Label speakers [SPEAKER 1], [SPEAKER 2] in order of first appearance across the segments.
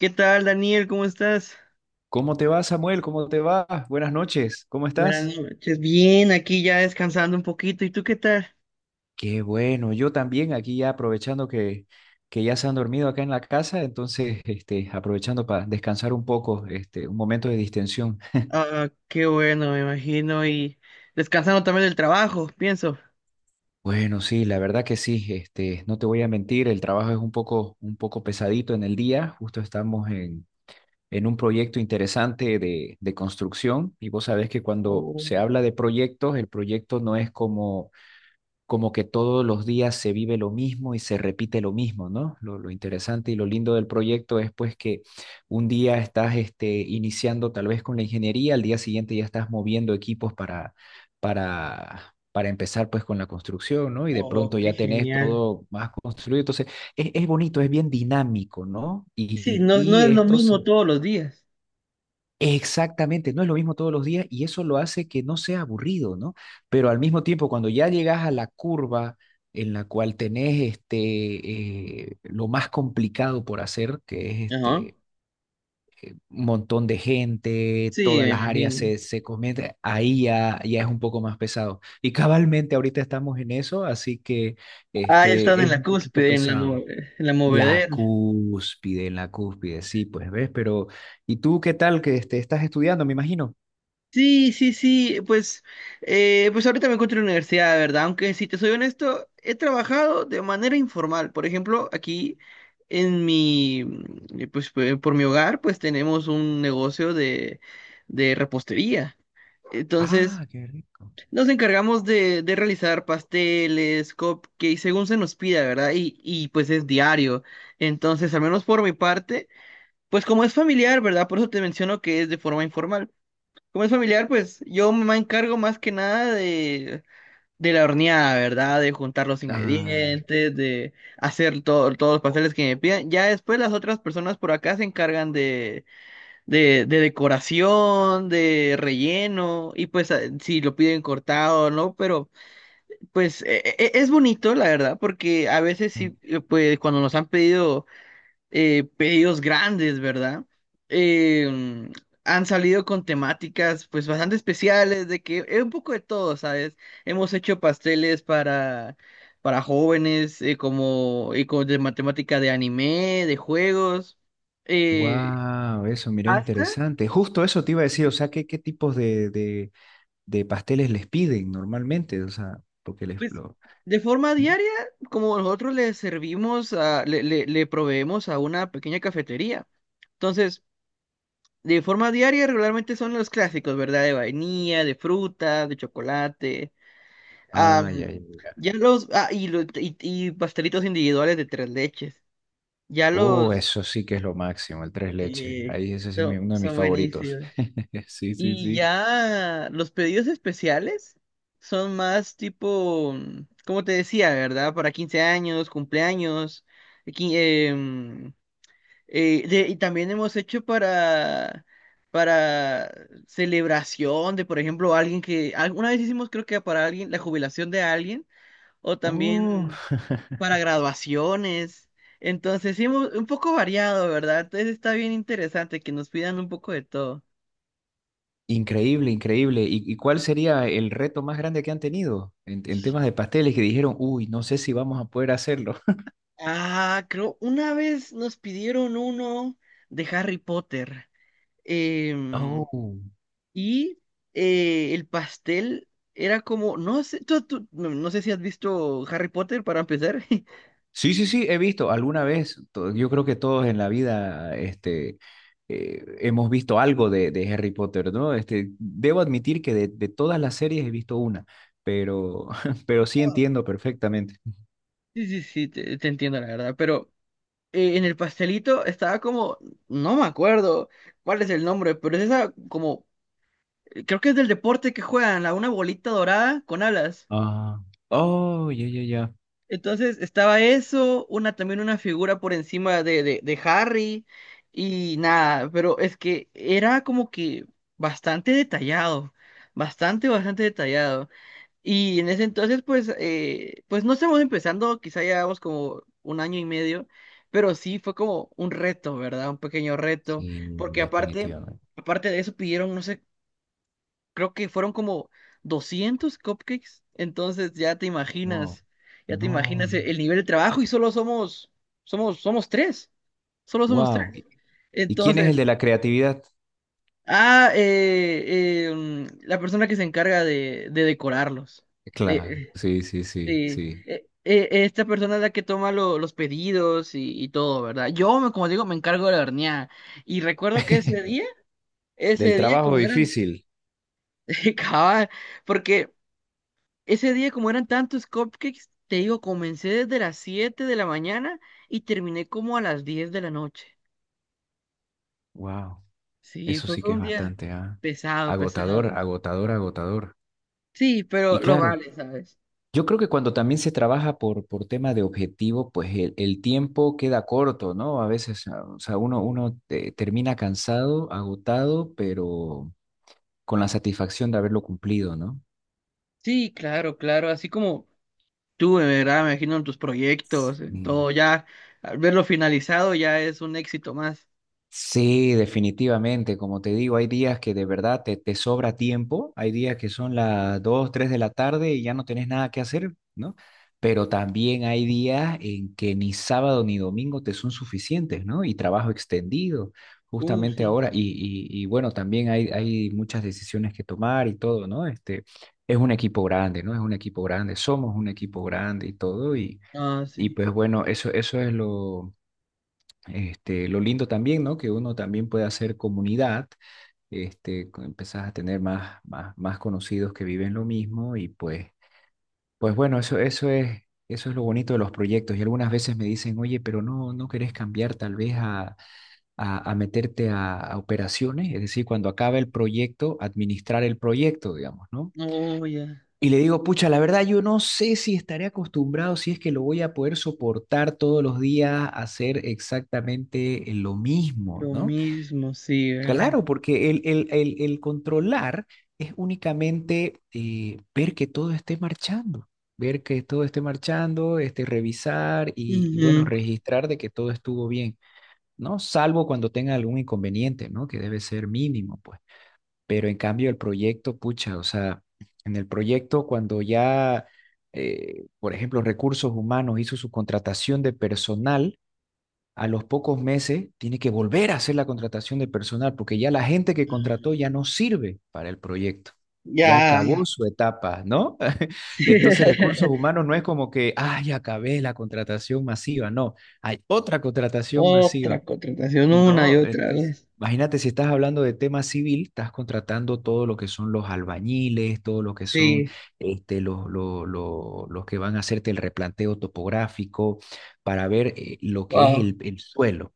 [SPEAKER 1] ¿Qué tal, Daniel? ¿Cómo estás?
[SPEAKER 2] ¿Cómo te va, Samuel? ¿Cómo te va? Buenas noches. ¿Cómo estás?
[SPEAKER 1] Buenas noches. Bien, aquí ya descansando un poquito. ¿Y tú qué tal?
[SPEAKER 2] Qué bueno. Yo también aquí ya aprovechando que ya se han dormido acá en la casa, entonces aprovechando para descansar un poco, un momento de distensión.
[SPEAKER 1] Ah, qué bueno, me imagino. Y descansando también del trabajo, pienso.
[SPEAKER 2] Bueno, sí, la verdad que sí. No te voy a mentir, el trabajo es un poco pesadito en el día. Justo estamos en un proyecto interesante de construcción, y vos sabés que cuando
[SPEAKER 1] Oh,
[SPEAKER 2] se habla de proyectos, el proyecto no es como que todos los días se vive lo mismo y se repite lo mismo, ¿no? Lo interesante y lo lindo del proyecto es pues que un día estás iniciando tal vez con la ingeniería, al día siguiente ya estás moviendo equipos para, para empezar pues con la construcción, ¿no? Y de
[SPEAKER 1] oh,
[SPEAKER 2] pronto
[SPEAKER 1] qué
[SPEAKER 2] ya tenés
[SPEAKER 1] genial.
[SPEAKER 2] todo más construido. Entonces, es bonito, es bien dinámico, ¿no?
[SPEAKER 1] Sí,
[SPEAKER 2] Y,
[SPEAKER 1] no, no es
[SPEAKER 2] y
[SPEAKER 1] lo
[SPEAKER 2] esto se.
[SPEAKER 1] mismo todos los días.
[SPEAKER 2] Exactamente, no es lo mismo todos los días, y eso lo hace que no sea aburrido, ¿no? Pero al mismo tiempo, cuando ya llegas a la curva en la cual tenés lo más complicado por hacer, que es
[SPEAKER 1] Ajá.
[SPEAKER 2] un montón de gente,
[SPEAKER 1] Sí,
[SPEAKER 2] todas
[SPEAKER 1] me
[SPEAKER 2] las áreas
[SPEAKER 1] imagino.
[SPEAKER 2] se cometen, ahí ya, ya es un poco más pesado. Y cabalmente ahorita estamos en eso, así que
[SPEAKER 1] Ah, ya están en
[SPEAKER 2] es
[SPEAKER 1] la
[SPEAKER 2] un poquito
[SPEAKER 1] cúspide, en
[SPEAKER 2] pesado.
[SPEAKER 1] en la
[SPEAKER 2] La
[SPEAKER 1] movedera.
[SPEAKER 2] cúspide, en la cúspide, sí, pues ves, pero ¿y tú qué tal que estás estudiando, me imagino?
[SPEAKER 1] Sí, sí, sí, pues ahorita me encuentro en la universidad, ¿verdad? Aunque si te soy honesto, he trabajado de manera informal. Por ejemplo, aquí en mi, pues por mi hogar, pues tenemos un negocio de repostería. Entonces,
[SPEAKER 2] Ah, qué rico.
[SPEAKER 1] nos encargamos de realizar pasteles, cupcakes, según se nos pida, ¿verdad? Y pues es diario. Entonces, al menos por mi parte, pues como es familiar, ¿verdad? Por eso te menciono que es de forma informal. Como es familiar, pues yo me encargo más que nada de la horneada, ¿verdad? De juntar los
[SPEAKER 2] Ah,
[SPEAKER 1] ingredientes, de hacer todos los pasteles que me pidan. Ya después las otras personas por acá se encargan de decoración, de relleno, y pues si lo piden cortado o no, pero pues es bonito, la verdad, porque a veces sí, pues cuando nos han pedido pedidos grandes, ¿verdad? Em, Han salido con temáticas pues bastante especiales, de que es un poco de todo, ¿sabes? Hemos hecho pasteles para jóvenes, como y con, de matemática de anime, de juegos, eh,
[SPEAKER 2] wow, eso, mira,
[SPEAKER 1] hasta,
[SPEAKER 2] interesante. Justo eso te iba a decir, o
[SPEAKER 1] sí,
[SPEAKER 2] sea, ¿qué tipos de pasteles les piden normalmente? O sea, porque les
[SPEAKER 1] pues,
[SPEAKER 2] lo.
[SPEAKER 1] de forma diaria, como nosotros le servimos, le proveemos a una pequeña cafetería. Entonces, de forma diaria, regularmente son los clásicos, ¿verdad? De vainilla, de fruta, de chocolate.
[SPEAKER 2] Ay, ay,
[SPEAKER 1] Am,
[SPEAKER 2] ay.
[SPEAKER 1] ya los. Ah, y pastelitos individuales de tres leches. Ya
[SPEAKER 2] Oh,
[SPEAKER 1] los.
[SPEAKER 2] eso sí que es lo máximo, el tres leches.
[SPEAKER 1] eh,
[SPEAKER 2] Ahí ese sí es
[SPEAKER 1] son,
[SPEAKER 2] uno de mis
[SPEAKER 1] son
[SPEAKER 2] favoritos.
[SPEAKER 1] buenísimos.
[SPEAKER 2] Sí, sí,
[SPEAKER 1] Y
[SPEAKER 2] sí.
[SPEAKER 1] ya los pedidos especiales son más tipo. Como te decía, ¿verdad? Para 15 años, cumpleaños. qui- em, y también hemos hecho para celebración de, por ejemplo, alguien que, alguna vez hicimos creo que para alguien, la jubilación de alguien, o
[SPEAKER 2] Oh,
[SPEAKER 1] también para graduaciones. Entonces, sí, un poco variado, ¿verdad? Entonces está bien interesante que nos pidan un poco de todo.
[SPEAKER 2] increíble, increíble. ¿Y cuál sería el reto más grande que han tenido en temas de pasteles, que dijeron, uy, no sé si vamos a poder hacerlo?
[SPEAKER 1] Ah, creo, una vez nos pidieron uno de Harry Potter. Em,
[SPEAKER 2] Oh.
[SPEAKER 1] Y el pastel era como, no sé, no, no sé si has visto Harry Potter para empezar. Sí,
[SPEAKER 2] Sí, sí, sí, he visto alguna vez. Yo creo que todos en la vida hemos visto algo de Harry Potter, ¿no? Debo admitir que de todas las series he visto una, pero, pero sí
[SPEAKER 1] ah,
[SPEAKER 2] entiendo perfectamente.
[SPEAKER 1] sí, sí, te entiendo la verdad, pero en el pastelito estaba como, no me acuerdo cuál es el nombre, pero es esa como, creo que es del deporte que juegan, la una bolita dorada con alas.
[SPEAKER 2] Ah, oh, ya, ya, ya.
[SPEAKER 1] Entonces estaba eso, una también una figura por encima de Harry y nada, pero es que era como que bastante detallado, bastante, bastante detallado. Y en ese entonces, pues, pues no estamos empezando, quizá llevamos como un año y medio, pero sí fue como un reto, ¿verdad? Un pequeño reto,
[SPEAKER 2] Sí,
[SPEAKER 1] porque aparte,
[SPEAKER 2] definitivamente.
[SPEAKER 1] aparte de eso pidieron, no sé creo que fueron como 200 cupcakes, entonces
[SPEAKER 2] Wow.
[SPEAKER 1] ya te
[SPEAKER 2] No,
[SPEAKER 1] imaginas
[SPEAKER 2] no.
[SPEAKER 1] el nivel de trabajo y solo somos tres, solo somos tres.
[SPEAKER 2] Wow. ¿Y quién es el
[SPEAKER 1] Entonces,
[SPEAKER 2] de la creatividad?
[SPEAKER 1] la persona que se encarga de decorarlos,
[SPEAKER 2] Claro,
[SPEAKER 1] de,
[SPEAKER 2] sí, sí, sí, sí.
[SPEAKER 1] esta persona es la que toma los pedidos y todo, ¿verdad? Como digo, me encargo de la horneada y recuerdo que
[SPEAKER 2] Del
[SPEAKER 1] ese día
[SPEAKER 2] trabajo
[SPEAKER 1] como eran,
[SPEAKER 2] difícil.
[SPEAKER 1] cabal, porque ese día, como eran tantos cupcakes, te digo, comencé desde las 7 de la mañana y terminé como a las 10 de la noche.
[SPEAKER 2] Wow.
[SPEAKER 1] Sí,
[SPEAKER 2] Eso
[SPEAKER 1] fue,
[SPEAKER 2] sí
[SPEAKER 1] fue
[SPEAKER 2] que
[SPEAKER 1] un
[SPEAKER 2] es
[SPEAKER 1] día
[SPEAKER 2] bastante, ah,
[SPEAKER 1] pesado,
[SPEAKER 2] agotador,
[SPEAKER 1] pesado.
[SPEAKER 2] agotador, agotador.
[SPEAKER 1] Sí, pero
[SPEAKER 2] Y
[SPEAKER 1] lo
[SPEAKER 2] claro,
[SPEAKER 1] vale, ¿sabes?
[SPEAKER 2] yo creo que cuando también se trabaja por, tema de objetivo, pues el tiempo queda corto, ¿no? A veces, ah, o sea, uno termina cansado, agotado, pero con la satisfacción de haberlo cumplido, ¿no?
[SPEAKER 1] Sí, claro, claro, así como tú, de verdad, me imagino en tus proyectos, en
[SPEAKER 2] Mm.
[SPEAKER 1] todo, ya, al verlo finalizado ya es un éxito más.
[SPEAKER 2] Sí, definitivamente. Como te digo, hay días que de verdad te sobra tiempo, hay días que son las 2, 3 de la tarde y ya no tenés nada que hacer, ¿no? Pero también hay días en que ni sábado ni domingo te son suficientes, ¿no? Y trabajo extendido, justamente
[SPEAKER 1] Sí.
[SPEAKER 2] ahora. Y bueno, también hay muchas decisiones que tomar y todo, ¿no? Es un equipo grande, ¿no? Es un equipo grande, somos un equipo grande y todo. Y,
[SPEAKER 1] Ah,
[SPEAKER 2] y
[SPEAKER 1] sí.
[SPEAKER 2] pues bueno, eso es lo lindo también, ¿no? Que uno también puede hacer comunidad, empezás a tener más conocidos que viven lo mismo, y pues bueno, eso es lo bonito de los proyectos. Y algunas veces me dicen, oye, pero no, no querés cambiar tal vez a, meterte a operaciones, es decir, cuando acaba el proyecto, administrar el proyecto, digamos, ¿no?
[SPEAKER 1] Oh, ya.
[SPEAKER 2] Y le digo, pucha, la verdad yo no sé si estaré acostumbrado, si es que lo voy a poder soportar todos los días, hacer exactamente lo mismo,
[SPEAKER 1] Lo
[SPEAKER 2] ¿no?
[SPEAKER 1] mismo, sí, ¿verdad?
[SPEAKER 2] Claro, porque el controlar es únicamente ver que todo esté marchando, ver que todo esté marchando, revisar y, bueno,
[SPEAKER 1] Ujú.
[SPEAKER 2] registrar de que todo estuvo bien, ¿no? Salvo cuando tenga algún inconveniente, ¿no? Que debe ser mínimo, pues. Pero en cambio el proyecto, pucha, o sea, en el proyecto cuando ya, por ejemplo, recursos humanos hizo su contratación de personal, a los pocos meses tiene que volver a hacer la contratación de personal porque ya la gente que contrató ya no sirve para el proyecto. Ya
[SPEAKER 1] Ya.
[SPEAKER 2] acabó su etapa, ¿no?
[SPEAKER 1] Sí.
[SPEAKER 2] Entonces, recursos humanos no es como que, ay, acabé la contratación masiva. No, hay otra contratación
[SPEAKER 1] Otra
[SPEAKER 2] masiva.
[SPEAKER 1] contratación una y
[SPEAKER 2] No,
[SPEAKER 1] otra
[SPEAKER 2] entonces,
[SPEAKER 1] vez.
[SPEAKER 2] imagínate, si estás hablando de tema civil, estás contratando todo lo que son los albañiles, todo lo que son
[SPEAKER 1] Sí,
[SPEAKER 2] los que van a hacerte el replanteo topográfico para ver lo que es
[SPEAKER 1] wow,
[SPEAKER 2] el suelo.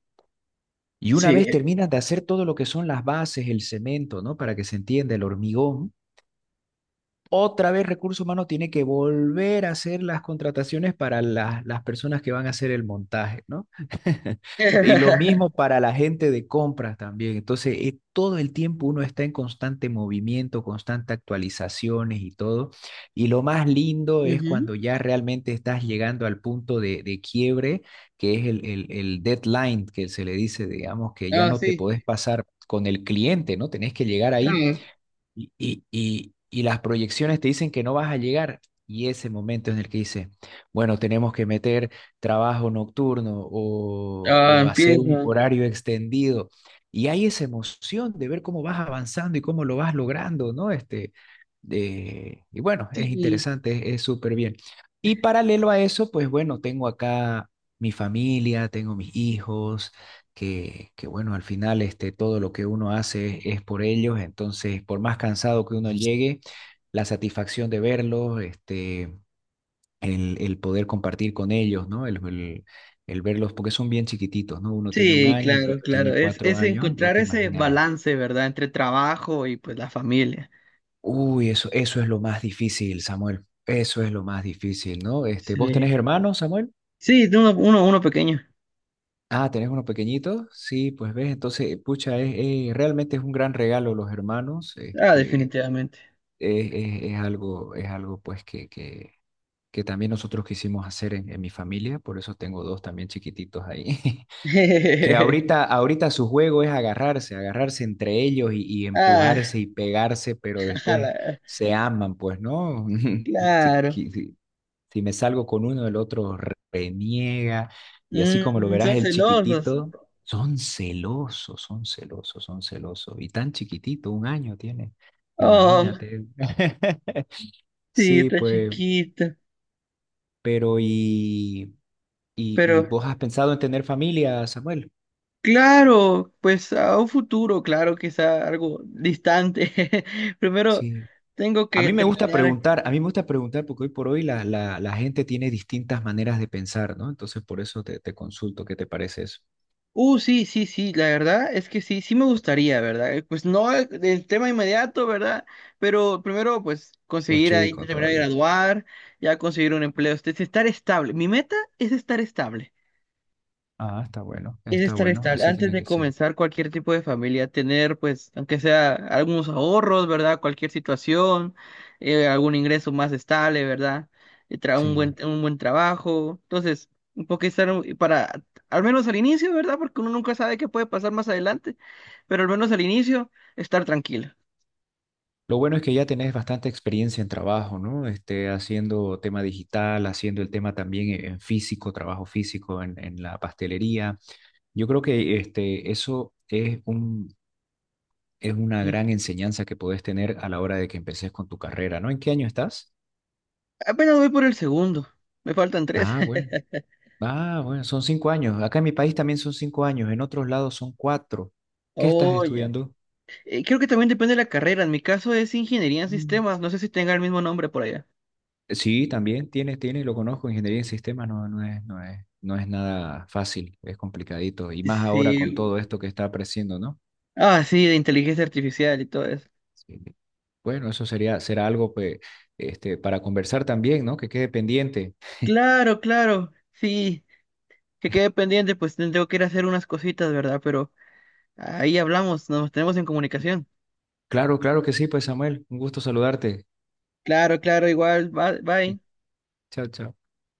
[SPEAKER 2] Y una vez
[SPEAKER 1] sí.
[SPEAKER 2] terminas de hacer todo lo que son las bases, el cemento, ¿no? Para que se entienda el hormigón. Otra vez recursos humanos tiene que volver a hacer las contrataciones para las personas que van a hacer el montaje, ¿no? Y lo mismo para la gente de compras también. Entonces, todo el tiempo uno está en constante movimiento, constante actualizaciones y todo. Y lo más lindo es
[SPEAKER 1] Ujú.
[SPEAKER 2] cuando ya realmente estás llegando al punto de quiebre, que es el deadline, que se le dice, digamos, que ya
[SPEAKER 1] Ah,
[SPEAKER 2] no te
[SPEAKER 1] sí.
[SPEAKER 2] podés pasar con el cliente, ¿no? Tenés que llegar ahí
[SPEAKER 1] Ah,
[SPEAKER 2] y las proyecciones te dicen que no vas a llegar. Y ese momento en el que dices, bueno, tenemos que meter trabajo nocturno, o,
[SPEAKER 1] ah,
[SPEAKER 2] o hacer un
[SPEAKER 1] empieza.
[SPEAKER 2] horario extendido. Y hay esa emoción de ver cómo vas avanzando y cómo lo vas logrando, ¿no? Y bueno, es
[SPEAKER 1] Sí,
[SPEAKER 2] interesante, es súper bien. Y paralelo a eso, pues bueno, tengo acá mi familia, tengo mis hijos, que, bueno, al final todo lo que uno hace es por ellos, entonces por más cansado que uno llegue, la satisfacción de verlos, el poder compartir con ellos, ¿no? El verlos, porque son bien chiquititos, ¿no? Uno tiene un
[SPEAKER 1] sí,
[SPEAKER 2] año y el
[SPEAKER 1] claro,
[SPEAKER 2] otro
[SPEAKER 1] claro.
[SPEAKER 2] tiene
[SPEAKER 1] Es,
[SPEAKER 2] cuatro
[SPEAKER 1] es
[SPEAKER 2] años, ya
[SPEAKER 1] encontrar
[SPEAKER 2] te
[SPEAKER 1] ese
[SPEAKER 2] imaginarás.
[SPEAKER 1] balance, ¿verdad? Entre trabajo y pues la familia.
[SPEAKER 2] Uy, eso es lo más difícil, Samuel. Eso es lo más difícil, ¿no? ¿Vos
[SPEAKER 1] Sí.
[SPEAKER 2] tenés hermanos, Samuel?
[SPEAKER 1] Sí, de uno pequeño.
[SPEAKER 2] Ah, ¿tenés unos pequeñitos? Sí, pues ves, entonces, pucha, es, realmente es un gran regalo los hermanos.
[SPEAKER 1] Ah,
[SPEAKER 2] este,
[SPEAKER 1] definitivamente.
[SPEAKER 2] es, es- es algo, es algo pues que también nosotros quisimos hacer en mi familia, por eso tengo dos también chiquititos ahí, que ahorita, ahorita su juego es agarrarse entre ellos, y
[SPEAKER 1] Ah,
[SPEAKER 2] empujarse y pegarse, pero después
[SPEAKER 1] ala,
[SPEAKER 2] se aman, pues, ¿no? Sí,
[SPEAKER 1] claro.
[SPEAKER 2] sí, si me salgo con uno, el otro reniega. Y así como lo verás,
[SPEAKER 1] Son
[SPEAKER 2] el
[SPEAKER 1] celosos.
[SPEAKER 2] chiquitito, son celosos, son celosos, son celosos. Y tan chiquitito, 1 año tiene,
[SPEAKER 1] Oh,
[SPEAKER 2] imagínate.
[SPEAKER 1] sí,
[SPEAKER 2] Sí,
[SPEAKER 1] está
[SPEAKER 2] pues,
[SPEAKER 1] chiquito.
[SPEAKER 2] pero y
[SPEAKER 1] Pero
[SPEAKER 2] vos has pensado en tener familia, Samuel.
[SPEAKER 1] claro, pues a un futuro, claro que sea algo distante. Primero
[SPEAKER 2] Sí.
[SPEAKER 1] tengo
[SPEAKER 2] A
[SPEAKER 1] que
[SPEAKER 2] mí me gusta
[SPEAKER 1] terminar.
[SPEAKER 2] preguntar, a mí me gusta preguntar, porque hoy por hoy la gente tiene distintas maneras de pensar, ¿no? Entonces por eso te consulto, ¿qué te parece eso?
[SPEAKER 1] Sí, sí, sí, la verdad es que sí, sí me gustaría, ¿verdad? Pues no el tema inmediato, ¿verdad? Pero primero, pues
[SPEAKER 2] Vos
[SPEAKER 1] conseguir ahí
[SPEAKER 2] chico
[SPEAKER 1] terminar de
[SPEAKER 2] todavía.
[SPEAKER 1] graduar, ya conseguir un empleo, estar estable. Mi meta es estar estable.
[SPEAKER 2] Ah,
[SPEAKER 1] Es
[SPEAKER 2] está
[SPEAKER 1] estar
[SPEAKER 2] bueno,
[SPEAKER 1] estable.
[SPEAKER 2] así
[SPEAKER 1] Antes
[SPEAKER 2] tiene
[SPEAKER 1] de
[SPEAKER 2] que ser.
[SPEAKER 1] comenzar cualquier tipo de familia, tener, pues, aunque sea algunos ahorros, ¿verdad? Cualquier situación, algún ingreso más estable, ¿verdad? Un buen,
[SPEAKER 2] Sí.
[SPEAKER 1] un buen trabajo. Entonces, un poco estar para, al menos al inicio, ¿verdad? Porque uno nunca sabe qué puede pasar más adelante, pero al menos al inicio, estar tranquilo.
[SPEAKER 2] Lo bueno es que ya tenés bastante experiencia en trabajo, ¿no? Haciendo tema digital, haciendo el tema también en físico, trabajo físico en la pastelería. Yo creo que eso es es una
[SPEAKER 1] ¿Sí?
[SPEAKER 2] gran enseñanza que podés tener a la hora de que empecés con tu carrera, ¿no? ¿En qué año estás?
[SPEAKER 1] Apenas voy por el segundo. Me faltan tres.
[SPEAKER 2] Ah, bueno. Ah, bueno, son 5 años. Acá en mi país también son 5 años, en otros lados son cuatro. ¿Qué estás
[SPEAKER 1] Oh, ya.
[SPEAKER 2] estudiando?
[SPEAKER 1] Creo que también depende de la carrera. En mi caso es ingeniería en sistemas. No sé si tenga el mismo nombre por allá.
[SPEAKER 2] Sí, también tiene, lo conozco, ingeniería en sistemas no es nada fácil, es complicadito, y más ahora con
[SPEAKER 1] Sí,
[SPEAKER 2] todo esto que está apareciendo, ¿no?
[SPEAKER 1] ah, sí, de inteligencia artificial y todo eso.
[SPEAKER 2] Sí. Bueno, eso sería, será algo pues, para conversar también, ¿no? Que quede pendiente.
[SPEAKER 1] Claro, claro, sí, que quede pendiente, pues tengo que ir a hacer unas cositas, ¿verdad? Pero ahí hablamos, nos tenemos en comunicación.
[SPEAKER 2] Claro, claro que sí, pues Samuel, un gusto saludarte.
[SPEAKER 1] Claro, claro, igual, bye, bye.
[SPEAKER 2] Chao, chao.